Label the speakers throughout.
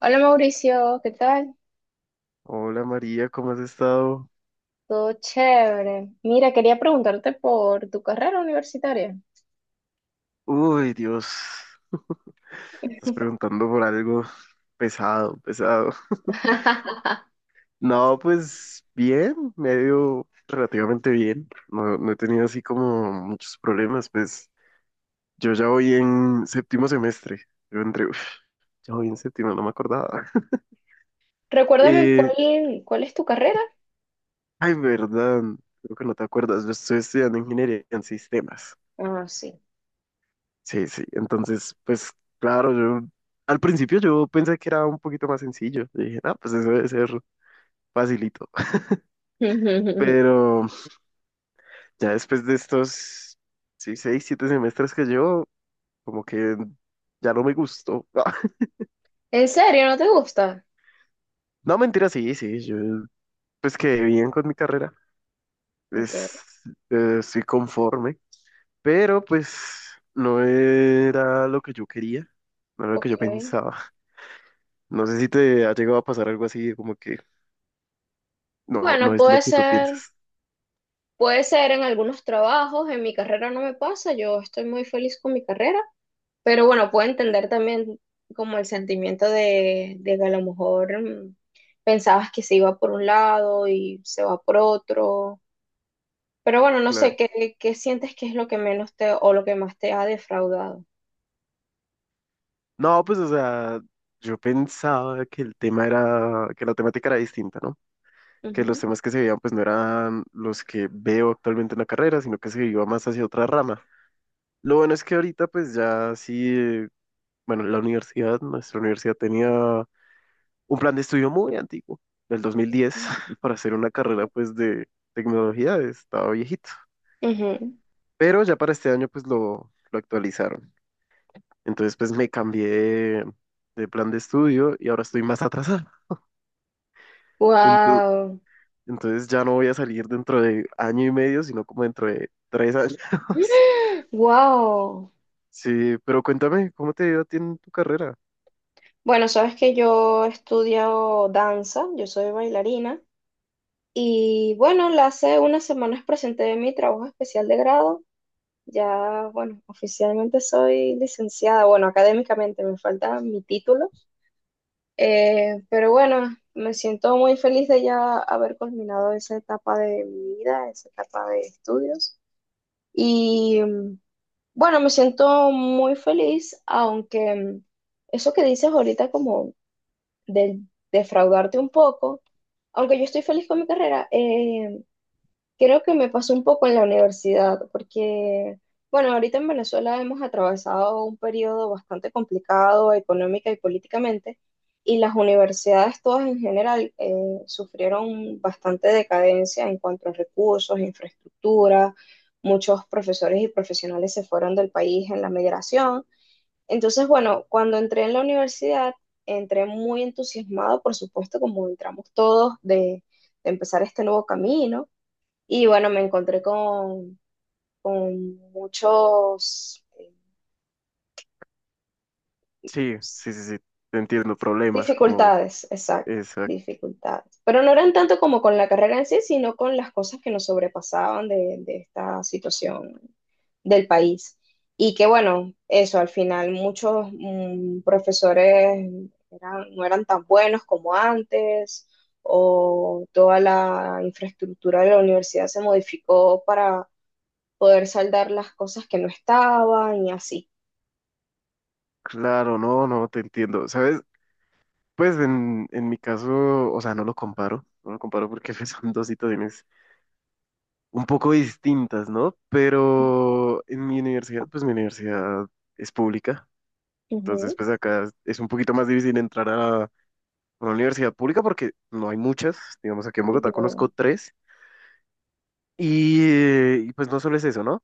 Speaker 1: Hola Mauricio, ¿qué tal?
Speaker 2: Hola María, ¿cómo has estado?
Speaker 1: Todo chévere. Mira, quería preguntarte por tu carrera universitaria.
Speaker 2: Uy, Dios, estás preguntando por algo pesado, pesado. No, pues bien, me ha ido relativamente bien. No, no he tenido así como muchos problemas, pues yo ya voy en séptimo semestre. Yo entré, uf, ya voy en séptimo, no me acordaba.
Speaker 1: Recuérdame
Speaker 2: Eh,
Speaker 1: cuál es tu carrera.
Speaker 2: Ay, verdad, creo que no te acuerdas, yo estoy estudiando ingeniería en sistemas.
Speaker 1: Ah, sí.
Speaker 2: Sí, sí. Entonces, pues claro, yo al principio yo pensé que era un poquito más sencillo. Yo dije, ah, pues eso debe ser facilito.
Speaker 1: ¿En
Speaker 2: Pero ya después de estos, sí, seis, siete semestres que llevo, como que ya no me gustó.
Speaker 1: serio? ¿No te gusta?
Speaker 2: No, mentira, sí, sí, yo pues quedé bien con mi carrera.
Speaker 1: Ok,
Speaker 2: Es, Estoy conforme, pero pues no era lo que yo quería, no era lo que
Speaker 1: ok.
Speaker 2: yo pensaba. No sé si te ha llegado a pasar algo así, como que no,
Speaker 1: Bueno,
Speaker 2: no es lo que tú piensas.
Speaker 1: puede ser en algunos trabajos. En mi carrera no me pasa. Yo estoy muy feliz con mi carrera. Pero bueno, puedo entender también como el sentimiento de que a lo mejor pensabas que se iba por un lado y se va por otro. Pero bueno, no sé,
Speaker 2: Claro.
Speaker 1: ¿qué sientes que es lo que menos te o lo que más te ha defraudado?
Speaker 2: No, pues, o sea, yo pensaba que el tema era, que la temática era distinta, ¿no? Que los
Speaker 1: Ujú.
Speaker 2: temas que se veían, pues, no eran los que veo actualmente en la carrera, sino que se iba más hacia otra rama. Lo bueno es que ahorita, pues, ya sí, bueno, la universidad, nuestra universidad tenía un plan de estudio muy antiguo, del 2010 para hacer una carrera, pues, de tecnología, estaba viejito. Pero ya para este año, pues, lo actualizaron. Entonces, pues me cambié de plan de estudio y ahora estoy más atrasado. Entonces,
Speaker 1: Wow.
Speaker 2: entonces ya no voy a salir dentro de año y medio, sino como dentro de 3 años.
Speaker 1: Wow.
Speaker 2: Sí, pero cuéntame, ¿cómo te ha ido a ti en tu carrera?
Speaker 1: Bueno, sabes que yo estudio danza, yo soy bailarina y bueno, hace unas semanas presenté mi trabajo especial de grado. Ya, bueno, oficialmente soy licenciada, bueno, académicamente me falta mi título. Pero bueno, me siento muy feliz de ya haber culminado esa etapa de mi vida, esa etapa de estudios. Y bueno, me siento muy feliz, aunque eso que dices ahorita como de defraudarte un poco, aunque yo estoy feliz con mi carrera, creo que me pasó un poco en la universidad, porque, bueno, ahorita en Venezuela hemos atravesado un periodo bastante complicado económica y políticamente, y las universidades todas en general sufrieron bastante decadencia en cuanto a recursos, infraestructura, muchos profesores y profesionales se fueron del país en la migración. Entonces, bueno, cuando entré en la universidad, entré muy entusiasmado, por supuesto, como entramos todos, de empezar este nuevo camino y bueno, me encontré con muchos
Speaker 2: Sí,
Speaker 1: pues,
Speaker 2: sí, sí, sí, te entiendo, problemas como
Speaker 1: dificultades, exacto,
Speaker 2: esa.
Speaker 1: dificultades. Pero no eran tanto como con la carrera en sí, sino con las cosas que nos sobrepasaban de esta situación del país. Y que bueno, eso, al final muchos profesores no eran tan buenos como antes, o toda la infraestructura de la universidad se modificó para poder saldar las cosas que no estaban y así.
Speaker 2: Claro, no, no, te entiendo. ¿Sabes? Pues en mi caso, o sea, no lo comparo, no lo comparo porque son dos situaciones un poco distintas, ¿no? Pero en mi universidad, pues mi universidad es pública. Entonces,
Speaker 1: Ujú.
Speaker 2: pues acá es un poquito más difícil entrar a una universidad pública porque no hay muchas. Digamos, aquí en
Speaker 1: Sí,
Speaker 2: Bogotá
Speaker 1: claro.
Speaker 2: conozco tres. Y, pues no solo es eso, ¿no?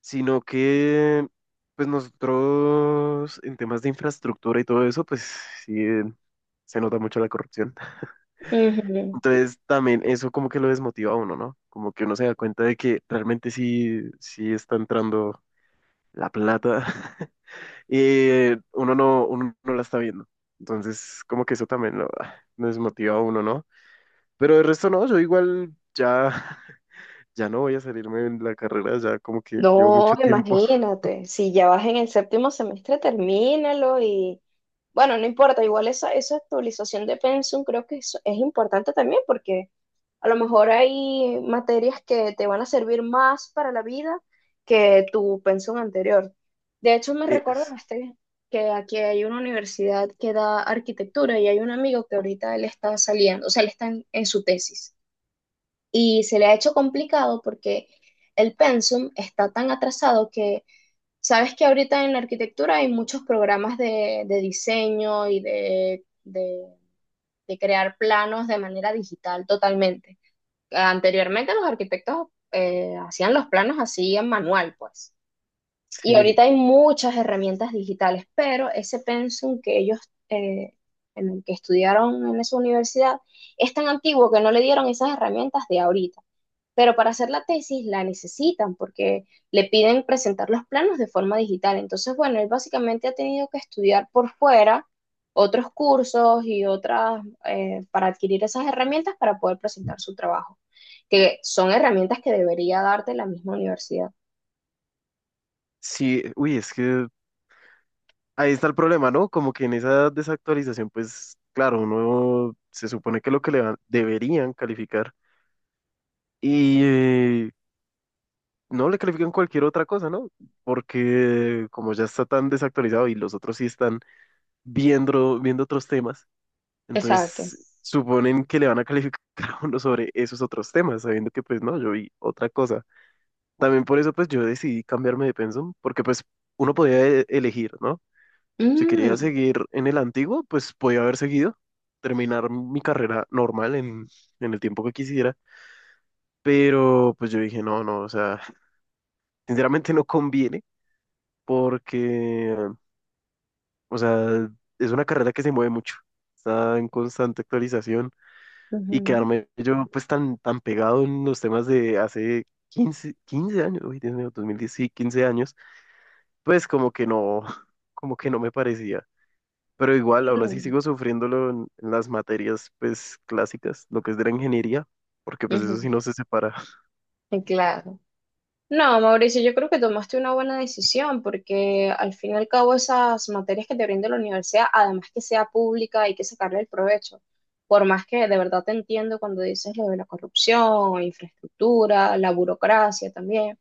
Speaker 2: Sino que, pues nosotros en temas de infraestructura y todo eso, pues sí, se nota mucho la corrupción.
Speaker 1: Ujú.
Speaker 2: Entonces, también eso como que lo desmotiva a uno, ¿no? Como que uno se da cuenta de que realmente sí, sí está entrando la plata. Y uno no la está viendo. Entonces, como que eso también me desmotiva a uno, ¿no? Pero el resto no, yo igual ya, ya no voy a salirme de la carrera, ya como que llevo
Speaker 1: No,
Speaker 2: mucho tiempo.
Speaker 1: imagínate, si ya vas en el séptimo semestre, termínalo y bueno, no importa, igual esa, esa actualización de pensum creo que es importante también porque a lo mejor hay materias que te van a servir más para la vida que tu pensum anterior. De hecho, me
Speaker 2: Es-
Speaker 1: recordaste que aquí hay una universidad que da arquitectura y hay un amigo que ahorita él está saliendo, o sea, él está en su tesis. Y se le ha hecho complicado porque el pensum está tan atrasado que sabes que ahorita en la arquitectura hay muchos programas de diseño y de crear planos de manera digital totalmente. Anteriormente los arquitectos hacían los planos así en manual, pues. Y
Speaker 2: sí,
Speaker 1: ahorita hay muchas herramientas digitales, pero ese pensum que ellos, eh, en el que estudiaron en esa universidad, es tan antiguo que no le dieron esas herramientas de ahorita pero para hacer la tesis la necesitan porque le piden presentar los planos de forma digital. Entonces, bueno, él básicamente ha tenido que estudiar por fuera otros cursos y otras para adquirir esas herramientas para poder presentar su trabajo, que son herramientas que debería darte la misma universidad.
Speaker 2: sí, uy, es que ahí está el problema, ¿no? Como que en esa desactualización, pues claro, uno se supone que lo que le deberían calificar y no le califican cualquier otra cosa, ¿no? Porque como ya está tan desactualizado y los otros sí están viendo, viendo otros temas.
Speaker 1: Exacto.
Speaker 2: Entonces, suponen que le van a calificar a uno sobre esos otros temas, sabiendo que pues no, yo vi otra cosa. También por eso pues yo decidí cambiarme de pensum, porque pues uno podía elegir, ¿no? Si quería
Speaker 1: Mm,
Speaker 2: seguir en el antiguo, pues podía haber seguido, terminar mi carrera normal en el tiempo que quisiera. Pero pues yo dije, no, no, o sea, sinceramente no conviene porque, o sea, es una carrera que se mueve mucho, está en constante actualización. Y
Speaker 1: ujú,
Speaker 2: quedarme yo pues tan, tan pegado en los temas de hace quince años, uy, Dios mío, 2010, sí, 15 años, pues como que no, como que no me parecía. Pero igual, aún así
Speaker 1: mm,
Speaker 2: sigo sufriéndolo en las materias pues clásicas, lo que es de la ingeniería, porque pues eso
Speaker 1: ujú,
Speaker 2: sí no se separa.
Speaker 1: claro. No, Mauricio, yo creo que tomaste una buena decisión porque al fin y al cabo esas materias que te brinda la universidad, además que sea pública, hay que sacarle el provecho. Por más que de verdad te entiendo cuando dices lo de la corrupción, infraestructura, la burocracia también.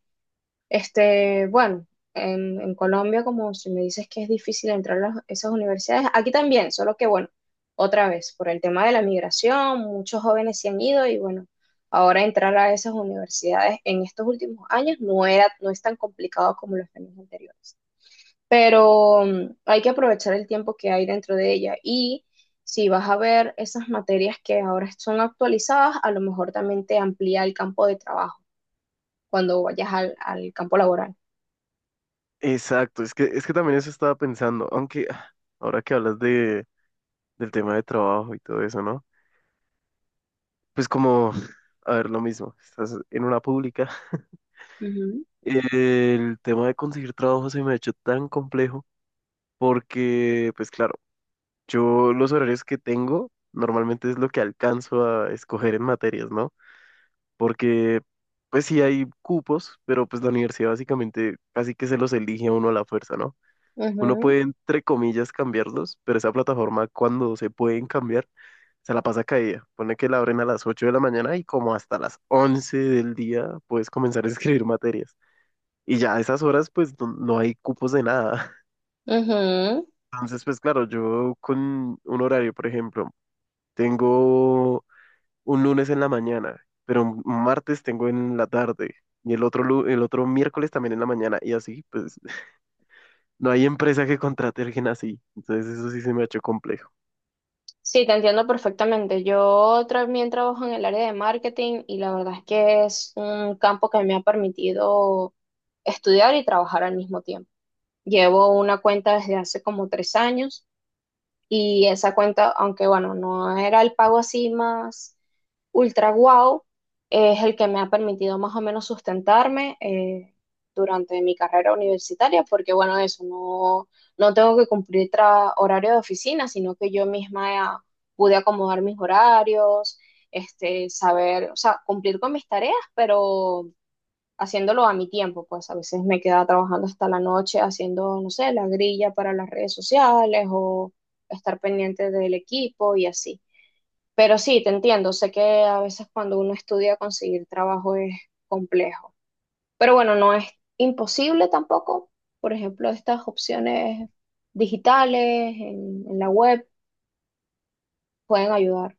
Speaker 1: Este, bueno, en Colombia, como si me dices que es difícil entrar a esas universidades, aquí también, solo que bueno, otra vez, por el tema de la migración, muchos jóvenes se han ido y bueno, ahora entrar a esas universidades en estos últimos años no era, no es tan complicado como los años anteriores. Pero hay que aprovechar el tiempo que hay dentro de ella y si vas a ver esas materias que ahora son actualizadas, a lo mejor también te amplía el campo de trabajo cuando vayas al al campo laboral.
Speaker 2: Exacto, es que también eso estaba pensando, aunque ah, ahora que hablas del tema de trabajo y todo eso, ¿no? Pues como, a ver, lo mismo, estás en una pública.
Speaker 1: Ujú,
Speaker 2: El tema de conseguir trabajo se me ha hecho tan complejo porque, pues claro, yo los horarios que tengo normalmente es lo que alcanzo a escoger en materias, ¿no? Porque, pues sí hay cupos, pero pues la universidad básicamente casi que se los elige a uno a la fuerza, ¿no? Uno
Speaker 1: ujú,
Speaker 2: puede, entre comillas, cambiarlos, pero esa plataforma cuando se pueden cambiar, se la pasa caída. Pone que la abren a las 8 de la mañana y como hasta las 11 del día puedes comenzar a escribir materias. Y ya a esas horas, pues no, no hay cupos de nada.
Speaker 1: ujú.
Speaker 2: Entonces, pues claro, yo con un horario, por ejemplo, tengo un lunes en la mañana, pero un martes tengo en la tarde y el otro miércoles también en la mañana y así, pues no hay empresa que contrate a alguien así. Entonces, eso sí se me ha hecho complejo.
Speaker 1: Sí, te entiendo perfectamente. Yo también trabajo en el área de marketing y la verdad es que es un campo que me ha permitido estudiar y trabajar al mismo tiempo. Llevo una cuenta desde hace como 3 años y esa cuenta, aunque bueno, no era el pago así más ultra guau, es el que me ha permitido más o menos sustentarme durante mi carrera universitaria, porque bueno, eso, no, no tengo que cumplir horario de oficina, sino que yo misma pude acomodar mis horarios, este, saber, o sea, cumplir con mis tareas, pero haciéndolo a mi tiempo, pues a veces me quedaba trabajando hasta la noche haciendo, no sé, la grilla para las redes sociales o estar pendiente del equipo y así. Pero sí, te entiendo, sé que a veces cuando uno estudia conseguir trabajo es complejo, pero bueno, no es imposible tampoco. Por ejemplo, estas opciones digitales en la web pueden ayudar.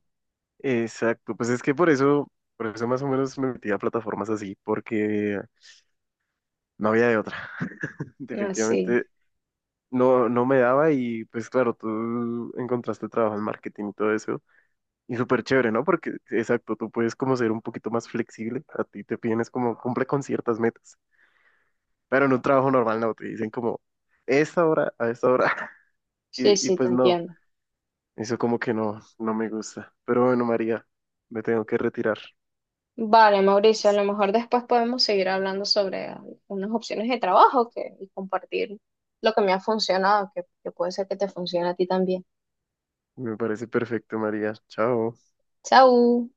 Speaker 2: Exacto, pues es que por eso más o menos me metí a plataformas así, porque no había de otra.
Speaker 1: Ah, sí,
Speaker 2: Definitivamente no, no me daba y pues claro, tú encontraste trabajo en marketing y todo eso. Y súper chévere, ¿no? Porque, exacto, tú puedes como ser un poquito más flexible, a ti te piden es como cumple con ciertas metas, pero en un trabajo normal no, te dicen como, esta hora, a esta hora,
Speaker 1: sí,
Speaker 2: y
Speaker 1: sí, te
Speaker 2: pues no,
Speaker 1: entiendo.
Speaker 2: eso como que no, no me gusta. Pero bueno, María, me tengo que retirar.
Speaker 1: Vale, Mauricio, a
Speaker 2: Entonces,
Speaker 1: lo mejor después podemos seguir hablando sobre unas opciones de trabajo que, y compartir lo que me ha funcionado, que puede ser que te funcione a ti también.
Speaker 2: me parece perfecto, María. Chao.
Speaker 1: Chao.